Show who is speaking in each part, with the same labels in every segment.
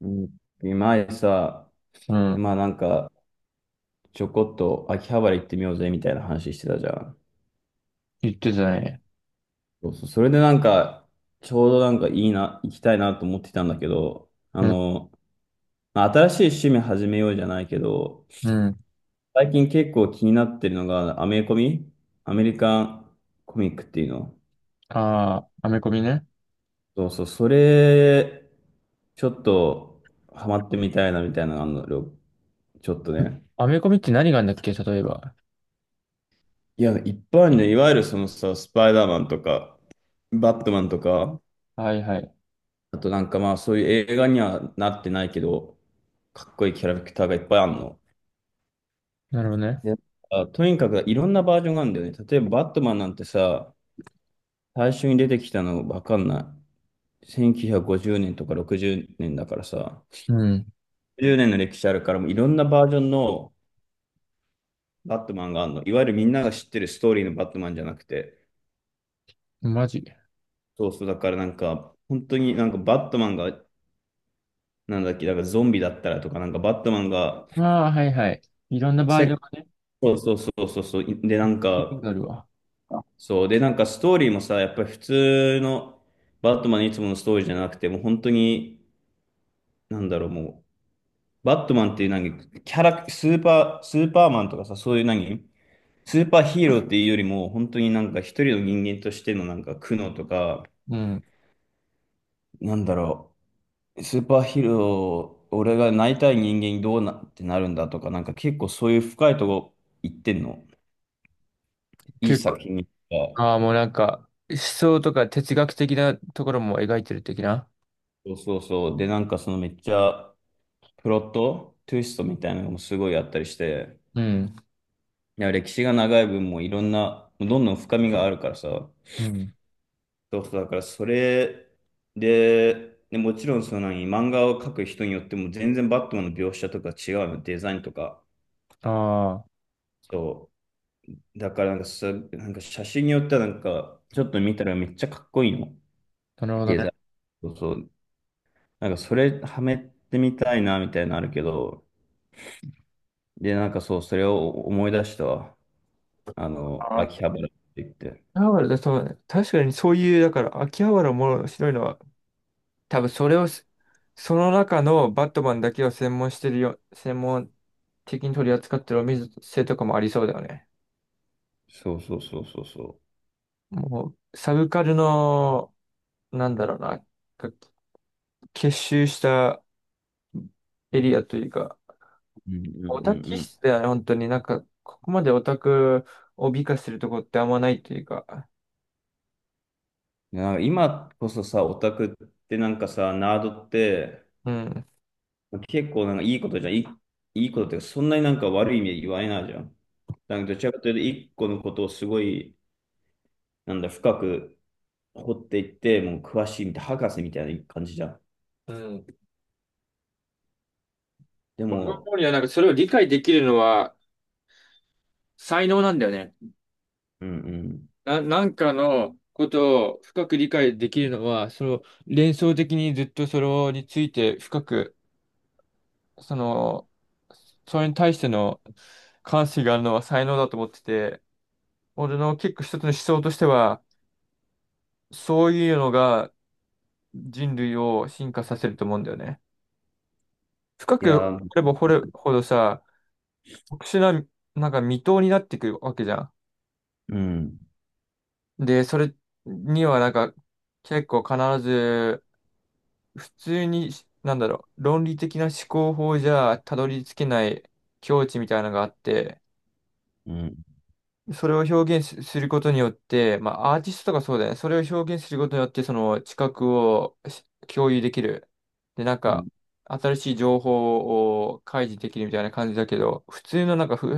Speaker 1: うん前さ、
Speaker 2: うん。
Speaker 1: まあなんか、ちょこっと秋葉原行ってみようぜみたいな話してたじゃん。
Speaker 2: 言ってたね。
Speaker 1: そうそう、それでなんか、ちょうどいいな、行きたいなと思ってたんだけど、
Speaker 2: うん。
Speaker 1: まあ、新しい趣味始めようじゃないけど、
Speaker 2: うん。
Speaker 1: 最近結構気になってるのが、アメリカンコミックっていうの。
Speaker 2: ああ、アメコミね。
Speaker 1: そうそう、それ、ちょっとハマってみたいなみたいなのがあるの、ちょっとね。
Speaker 2: アメコミって何があるんだっけ例えば。
Speaker 1: いや、いっぱいあるね。いわゆるそのさ、スパイダーマンとか、バットマンとか、
Speaker 2: はいはい。
Speaker 1: あとそういう映画にはなってないけど、かっこいいキャラクターがいっぱいあるの。
Speaker 2: なるほどね。
Speaker 1: で、とにかくいろんなバージョンがあるんだよね。例えばバットマンなんてさ、最初に出てきたのわかんない。1950年とか60年だからさ、
Speaker 2: うん。
Speaker 1: 10年の歴史あるからもういろんなバージョンのバットマンがあるの。いわゆるみんなが知ってるストーリーのバットマンじゃなくて、
Speaker 2: マジ。
Speaker 1: そうそう、だからなんか、本当にバットマンがなんだっけ、だからゾンビだったらとか、なんかバットマンが、
Speaker 2: ああ、はいはい。いろんなバージョン
Speaker 1: せ
Speaker 2: がね、
Speaker 1: そうそうそうそうそう、で、なん
Speaker 2: 聞いたこ
Speaker 1: か、
Speaker 2: とあるわ。
Speaker 1: そう、で、なんかストーリーもさ、やっぱり普通のバットマンのいつものストーリーじゃなくて、もう本当に、なんだろう、もう、バットマンっていう何、キャラ、スーパー、スーパーマンとかさ、そういう何、スーパーヒーローっていうよりも、本当に一人の人間としての苦悩とか、
Speaker 2: うん。
Speaker 1: なんだろう、スーパーヒーロー、俺がなりたい人間にどうなってなるんだとか、なんか結構そういう深いとこ行ってんの。いい
Speaker 2: 結
Speaker 1: 作
Speaker 2: 構、
Speaker 1: 品が。
Speaker 2: ああ、もう思想とか哲学的なところも描いてる的な。
Speaker 1: そうそうそう。で、そのめっちゃプロット、トゥイストみたいなのもすごいあったりして、
Speaker 2: うん。
Speaker 1: いや、歴史が長い分もういろんな、もうどんどん深みがあるからさ。
Speaker 2: うん。
Speaker 1: そうそう、だからそれで、で、もちろんその何、漫画を描く人によっても全然バットマンの描写とか違うの、デザインとか。
Speaker 2: あ
Speaker 1: そう。だからなんかさ、なんか写真によってはちょっと見たらめっちゃかっこいいの。
Speaker 2: あ、なるほど
Speaker 1: デ
Speaker 2: ね。
Speaker 1: ザイン。そうそう。それはめてみたいなみたいなのあるけど、で、なんかそう、それを思い出したわ。あの、
Speaker 2: ああ、秋
Speaker 1: 秋葉原って言って。
Speaker 2: 葉原だ、そうね。確かにそういう、だから、秋葉原も面白いのは、多分それをす、その中のバットマンだけを専門してるよ、専門的に取り扱ってるお店とかもありそうだよね。
Speaker 1: そうそうそうそうそ
Speaker 2: もう、サブカルの、なんだろうな、か結集したエリアというか、
Speaker 1: う。うんう
Speaker 2: オ
Speaker 1: んう
Speaker 2: タ
Speaker 1: ん
Speaker 2: 気
Speaker 1: うん。
Speaker 2: 質だよね、本当に。なんか、ここまでオタクを美化するとこってあんまないというか、
Speaker 1: なんか今こそさ、オタクってなんかさ、ナードって
Speaker 2: うん。
Speaker 1: 結構いいことじゃん。いいことっていうか、そんなに悪い意味で言われないじゃん。どちらかというと、一個のことをすごい、なんだ、深く掘っていって、もう詳しいみたい、博士みたいな感じじゃん。
Speaker 2: うん。
Speaker 1: で
Speaker 2: 俺が
Speaker 1: も、
Speaker 2: 思うには、なんかそれを理解できるのは才能なんだよね。
Speaker 1: うんうん。
Speaker 2: なんかのことを深く理解できるのは、その連想的にずっとそれについて深く、その、それに対しての関心があるのは才能だと思ってて、俺の結構一つの思想としては、そういうのが人類を進化させると思うんだよね。深
Speaker 1: いや
Speaker 2: く
Speaker 1: ー、
Speaker 2: 掘れば掘るほどさ、特殊な、なんか未踏になってくるわけじゃ
Speaker 1: うん、
Speaker 2: ん。で、それにはなんか結構必ず普通に論理的な思考法じゃたどり着けない境地みたいなのがあって、
Speaker 1: うん、
Speaker 2: それを表現することによって、まあアーティストとかそうだよね。それを表現することによって、その知覚を共有できる。で、なん
Speaker 1: う
Speaker 2: か、
Speaker 1: ん、
Speaker 2: 新しい情報を開示できるみたいな感じだけど、普通のなんか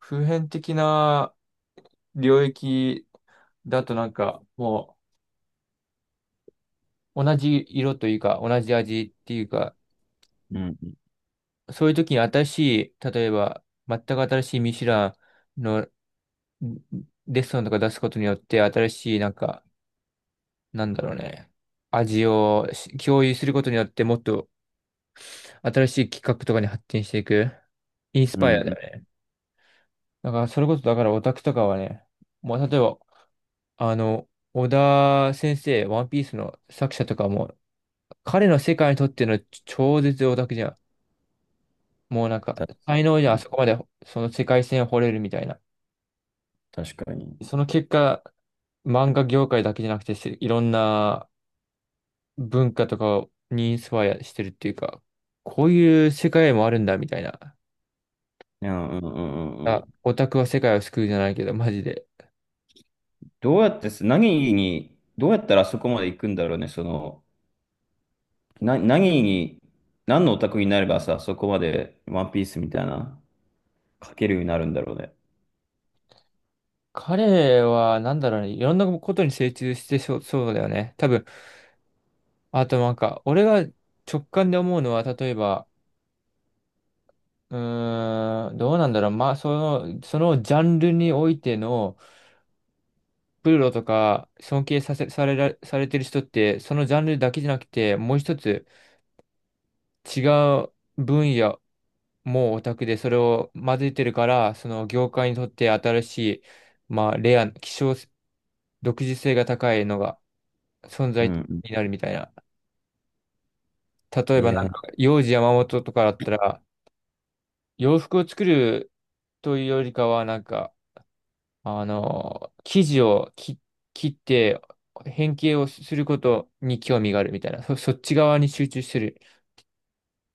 Speaker 2: 普遍的な領域だとなんか、もう同じ色というか、同じ味っていうか、
Speaker 1: うん、
Speaker 2: そういう時に新しい、例えば、全く新しいミシュランのレストランとか出すことによって、新しい、なんか、なんだろうね、味を共有することによって、もっと新しい企画とかに発展していく、インス
Speaker 1: うん、
Speaker 2: パイアだ
Speaker 1: うん、
Speaker 2: よね。だから、それこそ、だからオタクとかはね、もう、例えば、あの、小田先生、ワンピースの作者とかも、彼の世界にとっての超絶オタクじゃん。もうなんか、
Speaker 1: 確
Speaker 2: 才能じ
Speaker 1: か
Speaker 2: ゃん、あ
Speaker 1: に。
Speaker 2: そこまで、その世界線を掘れるみたいな。
Speaker 1: 確かに。
Speaker 2: その結果、漫画業界だけじゃなくて、せいろんな文化とかにインスパイアしてるっていうか、こういう世界もあるんだみたいな。
Speaker 1: いや、うん、うん、うん。う
Speaker 2: あ、
Speaker 1: ん、
Speaker 2: オタクは世界を救うじゃないけど、マジで。
Speaker 1: どうやったらそこまで行くんだろうね、その、な、何に、何のオタクになればさ、そこまでワンピースみたいな、書けるようになるんだろうね。
Speaker 2: 彼は、なんだろうね、いろんなことに精通してそう、そうだよね。多分、あとなんか、俺が直感で思うのは、例えば、どうなんだろう。まあ、そのジャンルにおいての、プロとか尊敬させ、されら、されてる人って、そのジャンルだけじゃなくて、もう一つ違う分野もオタクで、それを混ぜてるから、その業界にとって新しい、まあ、レア、希少、独自性が高いのが存
Speaker 1: う
Speaker 2: 在
Speaker 1: ん
Speaker 2: になるみたいな。例
Speaker 1: う
Speaker 2: え
Speaker 1: ん。い
Speaker 2: ばなん
Speaker 1: や、
Speaker 2: か、幼児山本とかだったら、洋服を作るというよりかは、なんか、生地を切って、変形をすることに興味があるみたいな、そっち側に集中してる。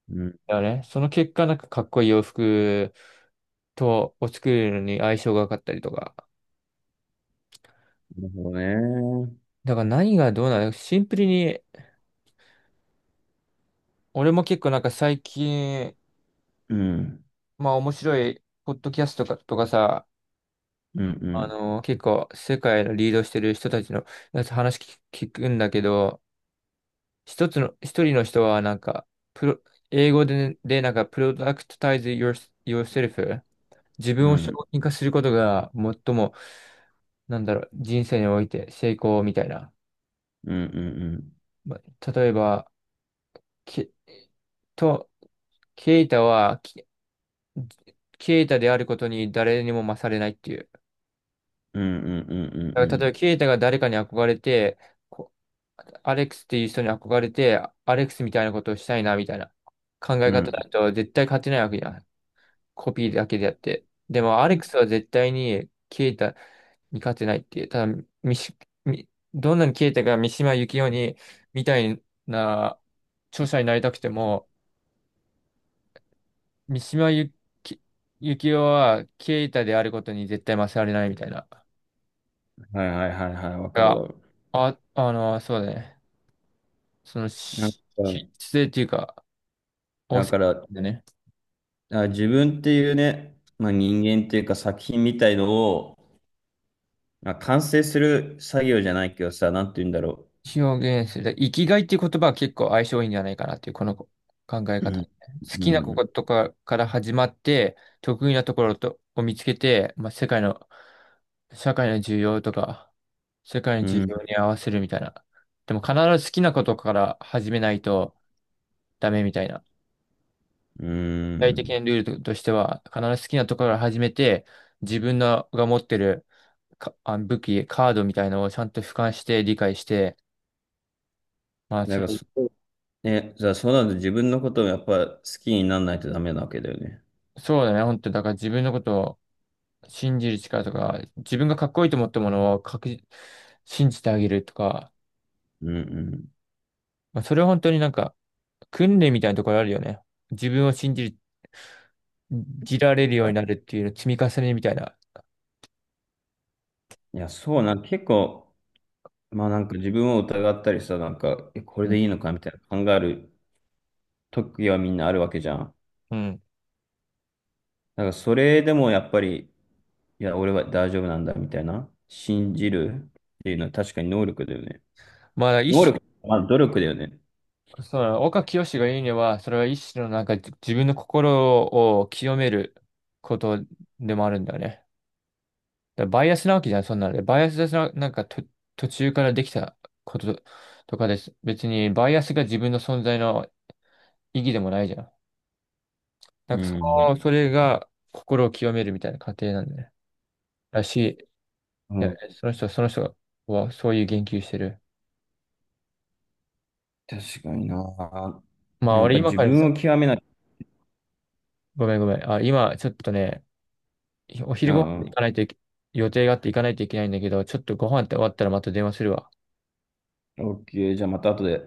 Speaker 1: うん、
Speaker 2: だよね。その結果、なんかかっこいい洋服を作るのに相性が良かったりとか。
Speaker 1: なるほどね。
Speaker 2: だから何がどうなのシンプルに、俺も結構なんか最近、
Speaker 1: うん、
Speaker 2: まあ面白い、ポッドキャストとか、とかさ、
Speaker 1: うん、うん、
Speaker 2: 結構世界のリードしてる人たちのやつ話聞く聞くんだけど、一人の人はなんか、プロ、英語でね、でなんか、プロダクトタイズ your, yourself、 自
Speaker 1: うん、
Speaker 2: 分を
Speaker 1: う
Speaker 2: 商
Speaker 1: ん。
Speaker 2: 品化することが最も、なんだろう、人生において成功みたいな。
Speaker 1: うんうん
Speaker 2: まあ例えば、け、と、ケイタは、ケケイタであることに誰にも勝れないっていう。
Speaker 1: うん。うんうんう
Speaker 2: だから例え
Speaker 1: ん
Speaker 2: ば、ケイタが誰かに憧れて、こアレックスっていう人に憧れて、アレックスみたいなことをしたいな、みたいな考え
Speaker 1: うんう
Speaker 2: 方
Speaker 1: ん。
Speaker 2: だと絶対勝てないわけじゃん。コピーだけでやって。でも、ア
Speaker 1: う
Speaker 2: レック
Speaker 1: ん。
Speaker 2: スは絶対に、ケイタに勝てないっていう、ただ、ミシ、ミどんなにケイタが三島由紀夫に、みたいな、著者になりたくても、三島由紀由紀夫は、ケイタであることに絶対勝られないみたいな。
Speaker 1: はいはいはいはい、わかる
Speaker 2: が、
Speaker 1: わ。
Speaker 2: あ、あの、そうだね。その、
Speaker 1: なんか、
Speaker 2: し、し質っていうか、お
Speaker 1: だ
Speaker 2: せ、
Speaker 1: から、
Speaker 2: でね。
Speaker 1: あ、自分っていうね、まあ、人間っていうか作品みたいのを、まあ、完成する作業じゃないけどさ、なんて言うんだろ
Speaker 2: 表現する。生きがいっていう言葉は結構相性いいんじゃないかなっていう、この考え
Speaker 1: う。う
Speaker 2: 方。好
Speaker 1: ん。う
Speaker 2: きな
Speaker 1: ん。
Speaker 2: ことかから始まって、得意なところを見つけて、まあ、世界の、社会の需要とか、世界の
Speaker 1: う
Speaker 2: 需
Speaker 1: ん。
Speaker 2: 要に合わせるみたいな。でも必ず好きなことから始めないとダメみたいな。具
Speaker 1: う
Speaker 2: 体的な
Speaker 1: ん、
Speaker 2: ルールとしては、必ず好きなところから始めて、自分が持ってる武器、カードみたいなのをちゃんと俯瞰して理解して、まあ、
Speaker 1: だか
Speaker 2: そ
Speaker 1: ら
Speaker 2: れ、
Speaker 1: そこ、ね、じゃあそうなると自分のことをやっぱ好きにならないとダメなわけだよね。
Speaker 2: そうだね、本当だから自分のことを信じる力とか、自分がかっこいいと思ったものを確実、信じてあげるとか、
Speaker 1: うんうん。
Speaker 2: まあ、それは本当になんか、訓練みたいなところあるよね。自分を信じられるようになるっていうの積み重ねみたいな。
Speaker 1: いや、そうな、結構、自分を疑ったりさ、え、これ
Speaker 2: う
Speaker 1: で
Speaker 2: ん
Speaker 1: いいのかみたいな考える時はみんなあるわけじゃん。
Speaker 2: うん。
Speaker 1: だからそれでもやっぱり、いや、俺は大丈夫なんだみたいな、信じるっていうのは確かに能力だよね。
Speaker 2: まあ、
Speaker 1: 能力、まあ努力だよね。
Speaker 2: その、岡清が言うには、それは一種のなんか、自分の心を清めることでもあるんだよね。だからバイアスなわけじゃん、そんなので。バイアスな、なんかと、途中からできたこととかです。別に、バイアスが自分の存在の意義でもないじゃん。な
Speaker 1: う
Speaker 2: んかそ
Speaker 1: ん。
Speaker 2: の、それが心を清めるみたいな過程なんだね。らしい。い
Speaker 1: う
Speaker 2: や、
Speaker 1: ん。
Speaker 2: その人はそういう言及してる。
Speaker 1: 確かにな。
Speaker 2: まあ、
Speaker 1: やっ
Speaker 2: 俺
Speaker 1: ぱ
Speaker 2: 今
Speaker 1: 自
Speaker 2: からさ、
Speaker 1: 分を極めなきゃ。
Speaker 2: ごめんごめん。あ、今、ちょっとね、お
Speaker 1: う
Speaker 2: 昼ご飯行
Speaker 1: ん
Speaker 2: かないといけ、予定があって行かないといけないんだけど、ちょっとご飯って終わったらまた電話するわ。
Speaker 1: うん。OK。じゃあまた後で。